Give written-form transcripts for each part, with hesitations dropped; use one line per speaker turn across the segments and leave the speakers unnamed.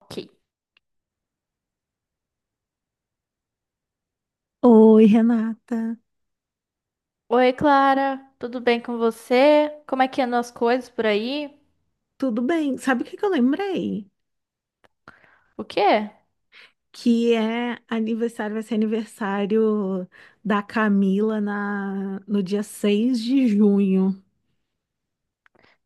Ok.
Oi, Renata.
Oi, Clara, tudo bem com você? Como é que andam as coisas por aí?
Tudo bem? Sabe o que que eu lembrei?
O quê?
Que é aniversário, vai ser aniversário da Camila no dia 6 de junho.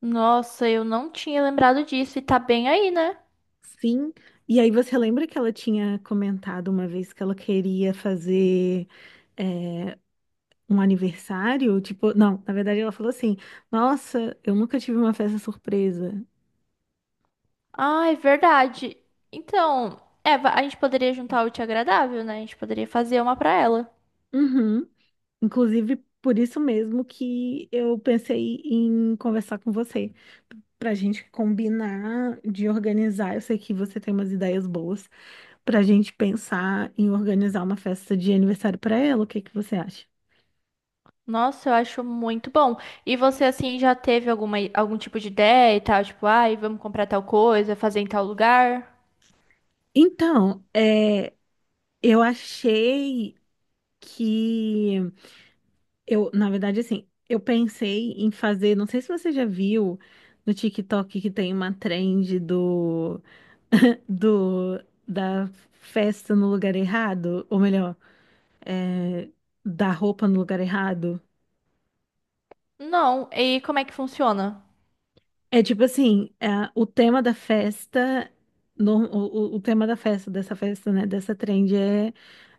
Nossa, eu não tinha lembrado disso e tá bem aí, né?
Sim. E aí você lembra que ela tinha comentado uma vez que ela queria fazer é, um aniversário? Tipo, não, na verdade ela falou assim: Nossa, eu nunca tive uma festa surpresa.
Ah, é verdade. Então, Eva, a gente poderia juntar o útil ao agradável, né? A gente poderia fazer uma pra ela.
Uhum. Inclusive, por isso mesmo que eu pensei em conversar com você. Pra gente combinar de organizar, eu sei que você tem umas ideias boas, pra gente pensar em organizar uma festa de aniversário pra ela, o que que você acha?
Nossa, eu acho muito bom. E você, assim, já teve alguma, algum tipo de ideia e tal? Tipo, ai, vamos comprar tal coisa, fazer em tal lugar?
Então, eu achei que eu, na verdade, assim, eu pensei em fazer, não sei se você já viu no TikTok que tem uma trend do, do da festa no lugar errado, ou melhor, é, da roupa no lugar errado.
Não, e como é que funciona?
É tipo assim, é, o tema da festa, o tema da festa, dessa festa, né, dessa trend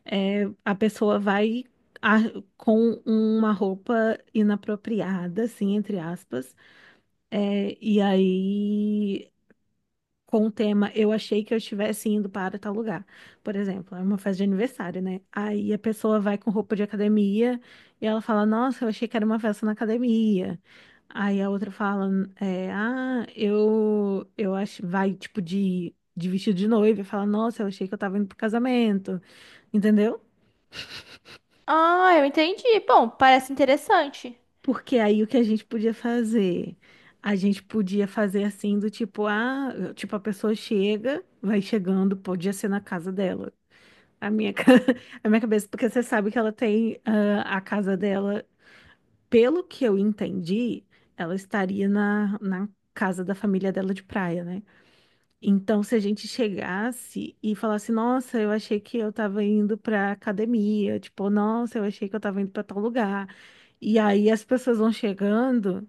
é a pessoa vai a- com uma roupa inapropriada, assim, entre aspas, é, e aí com o tema eu achei que eu estivesse indo para tal lugar. Por exemplo, é uma festa de aniversário, né? Aí a pessoa vai com roupa de academia e ela fala: Nossa, eu achei que era uma festa na academia. Aí a outra fala: Ah, eu acho. Vai tipo de vestido de noiva e fala: Nossa, eu achei que eu tava indo pro casamento. Entendeu?
Ah, eu entendi. Bom, parece interessante.
Porque aí o que a gente podia fazer? A gente podia fazer assim do tipo, ah, tipo, a pessoa chega, vai chegando, podia ser na casa dela. A minha, ca- a minha cabeça, porque você sabe que ela tem ah, a casa dela, pelo que eu entendi, ela estaria na casa da família dela de praia, né? Então, se a gente chegasse e falasse, nossa, eu achei que eu tava indo pra academia, tipo, nossa, eu achei que eu tava indo pra tal lugar. E aí as pessoas vão chegando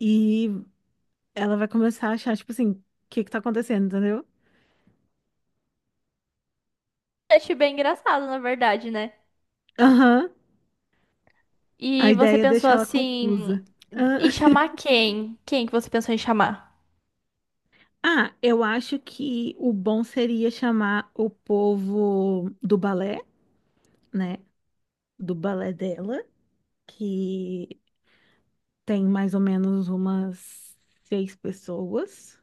e ela vai começar a achar, tipo assim, o que que tá acontecendo, entendeu?
Achei bem engraçado, na verdade, né?
Aham. A
E você
ideia é
pensou
deixar ela
assim,
confusa.
em chamar quem? Quem que você pensou em chamar?
Ah, eu acho que o bom seria chamar o povo do balé, né? Do balé dela, que tem mais ou menos umas 6 pessoas.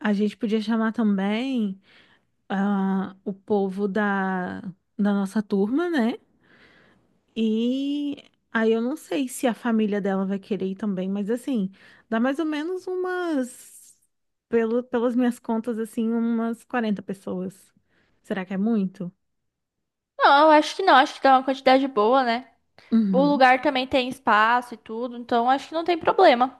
A gente podia chamar também ah, o povo da nossa turma, né? E aí eu não sei se a família dela vai querer ir também, mas assim, dá mais ou menos umas, pelas minhas contas, assim, umas 40 pessoas. Será que é muito?
Não, eu acho que não, acho que dá uma quantidade boa, né? O
Uhum.
lugar também tem espaço e tudo, então acho que não tem problema.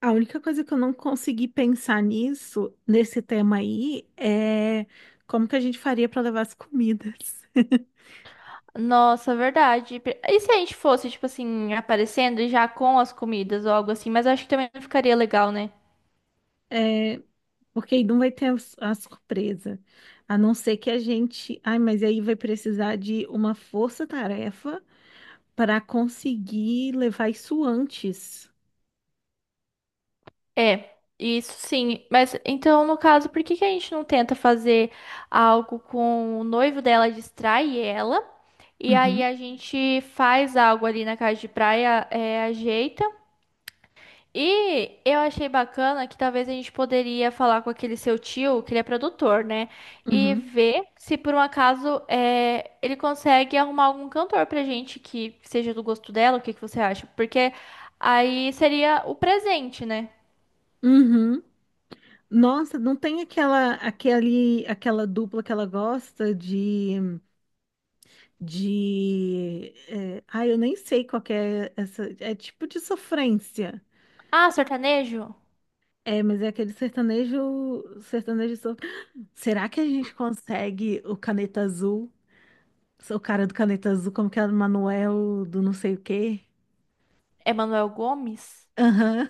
A única coisa que eu não consegui pensar nisso, nesse tema aí, é como que a gente faria para levar as comidas.
Nossa, verdade. E se a gente fosse, tipo assim, aparecendo e já com as comidas ou algo assim? Mas acho que também não ficaria legal, né?
É, porque aí não vai ter a surpresa. A não ser que a gente. Ai, mas aí vai precisar de uma força-tarefa para conseguir levar isso antes.
É, isso sim. Mas então, no caso, por que que a gente não tenta fazer algo com o noivo dela, distrai ela, e aí
Uhum,
a gente faz algo ali na casa de praia, é, ajeita. E eu achei bacana que talvez a gente poderia falar com aquele seu tio, que ele é produtor, né? E
uhum.
ver se por um acaso é, ele consegue arrumar algum cantor pra gente que seja do gosto dela, o que que você acha? Porque aí seria o presente, né?
Uhum. Nossa, não tem aquela aquele aquela dupla que ela gosta de ai, eu nem sei qual que é essa é tipo de sofrência.
Ah, sertanejo?
É, mas é aquele sertanejo Será que a gente consegue o Caneta Azul? O cara do Caneta Azul, como que é o Manuel do não sei o quê?
Emanuel Gomes?
Aham.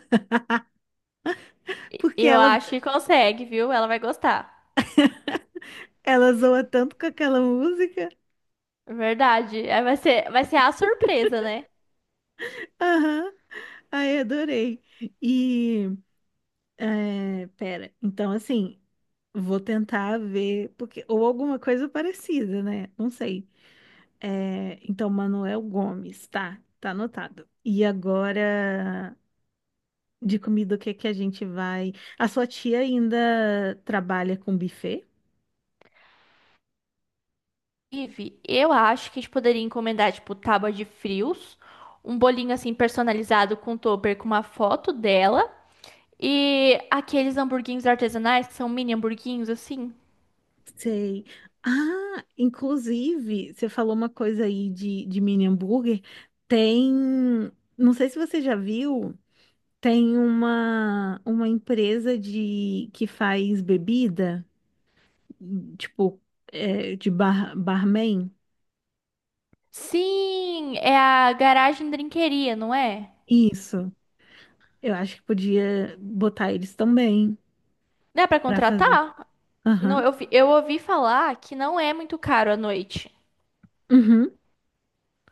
Porque
Eu
ela
acho que consegue, viu? Ela vai gostar.
ela zoa tanto com aquela música.
Verdade. Aí vai ser a surpresa, né?
Aham. Ai, adorei. E, pera, então assim, vou tentar ver, porque, ou alguma coisa parecida, né? Não sei. É, então, Manuel Gomes, tá, tá anotado. E agora, de comida, o que que a gente vai? A sua tia ainda trabalha com buffet?
Ive, eu acho que a gente poderia encomendar, tipo, tábua de frios, um bolinho assim personalizado com topper com uma foto dela e aqueles hamburguinhos artesanais que são mini hamburguinhos assim.
Sei. Ah, inclusive, você falou uma coisa aí de mini hambúrguer. Tem, não sei se você já viu. Tem uma empresa de que faz bebida, tipo, de bar, barman.
Sim, é a garagem drinqueria, não é?
Isso. Eu acho que podia botar eles também
Dá pra
para fazer.
contratar? Não,
Aham.
eu ouvi falar que não é muito caro à noite.
Uhum.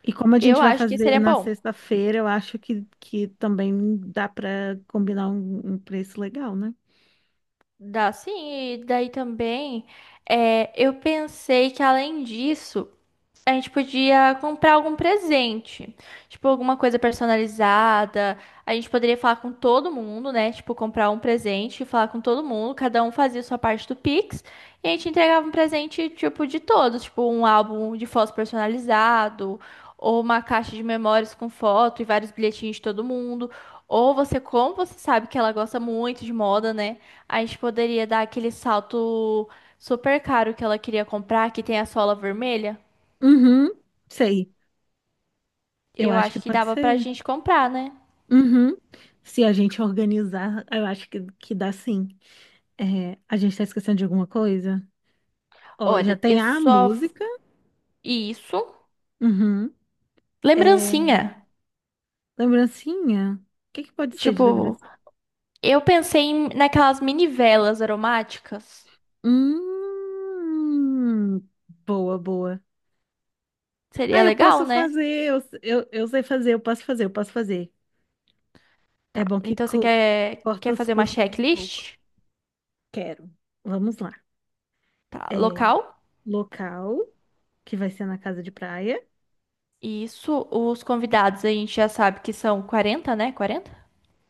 E como a gente
Eu
vai
acho que
fazer
seria
na
bom.
sexta-feira, eu acho que também dá para combinar um preço legal, né?
Dá sim, e daí também eu pensei que além disso, a gente podia comprar algum presente, tipo alguma coisa personalizada. A gente poderia falar com todo mundo, né? Tipo, comprar um presente e falar com todo mundo. Cada um fazia sua parte do Pix. E a gente entregava um presente, tipo, de todos. Tipo, um álbum de fotos personalizado, ou uma caixa de memórias com foto e vários bilhetinhos de todo mundo. Ou você, como você sabe que ela gosta muito de moda, né? A gente poderia dar aquele salto super caro que ela queria comprar, que tem a sola vermelha.
Uhum. Sei. Eu
Eu
acho que
acho que
pode
dava pra
ser.
gente comprar, né?
Uhum. Se a gente organizar, eu acho que dá sim. É, a gente tá esquecendo de alguma coisa? Ó, já
Olha, eu
tem a
só.
música.
Isso.
Uhum. É,
Lembrancinha.
lembrancinha? O que que pode ser de
Tipo,
lembrancinha?
naquelas mini velas aromáticas.
Hum, boa, boa. Ah,
Seria
eu posso
legal, né?
fazer, eu sei fazer, eu posso fazer, eu posso fazer. É
Tá.
bom que
Então você
co-
quer,
corta
quer
os
fazer uma
custos um pouco.
checklist?
Quero. Vamos lá.
Tá.
É,
Local.
local, que vai ser na casa de praia.
Isso. Os convidados a gente já sabe que são 40, né? 40.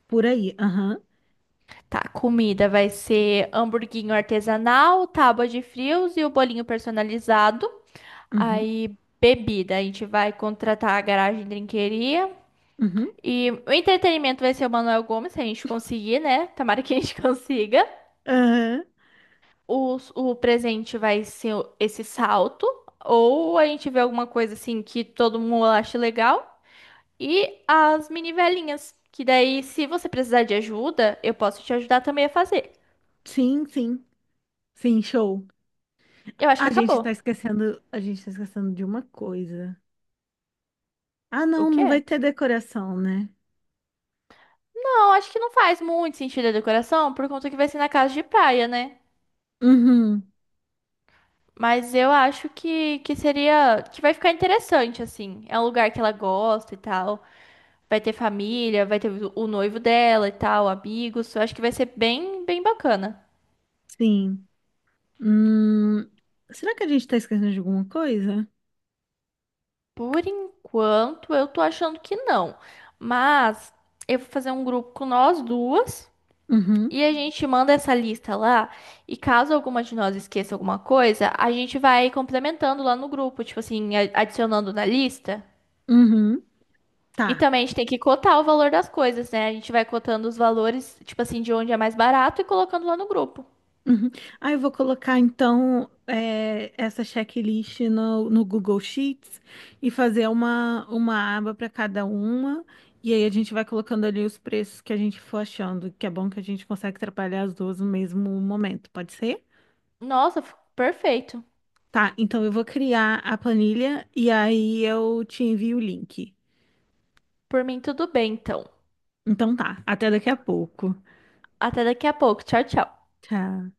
Por aí. Aham.
Tá. Comida vai ser hamburguinho artesanal, tábua de frios e o bolinho personalizado.
Uhum.
Aí, bebida, a gente vai contratar a garagem de drinqueria.
Uhum.
E o entretenimento vai ser o Manuel Gomes, se a gente conseguir, né? Tomara que a gente consiga.
Aham.
O presente vai ser esse salto. Ou a gente vê alguma coisa assim que todo mundo acha legal. E as mini velinhas. Que daí, se você precisar de ajuda, eu posso te ajudar também a fazer.
Sim, sim. Sim, show.
Eu acho que acabou.
A gente tá esquecendo de uma coisa. Ah,
O
não, não vai
quê?
ter decoração, né?
Não, acho que não faz muito sentido a decoração, por conta que vai ser na casa de praia, né?
Uhum,
Mas eu acho que seria. Que vai ficar interessante, assim. É um lugar que ela gosta e tal. Vai ter família, vai ter o noivo dela e tal, amigos. Eu acho que vai ser bem, bem bacana.
sim. Hum, será que a gente tá esquecendo de alguma coisa?
Por enquanto, eu tô achando que não. Mas eu vou fazer um grupo com nós duas.
Uhum,
E a gente manda essa lista lá. E caso alguma de nós esqueça alguma coisa, a gente vai complementando lá no grupo. Tipo assim, adicionando na lista.
uhum,
E
tá.
também a gente tem que cotar o valor das coisas, né? A gente vai cotando os valores, tipo assim, de onde é mais barato e colocando lá no grupo.
Uhum. Ah, eu vou colocar então essa checklist no Google Sheets e fazer uma aba para cada uma. E aí a gente vai colocando ali os preços que a gente for achando, que é bom que a gente consegue trabalhar as duas no mesmo momento, pode ser?
Nossa, perfeito.
Tá, então eu vou criar a planilha e aí eu te envio o link.
Por mim, tudo bem, então.
Então tá, até daqui a pouco.
Até daqui a pouco. Tchau, tchau.
Tchau.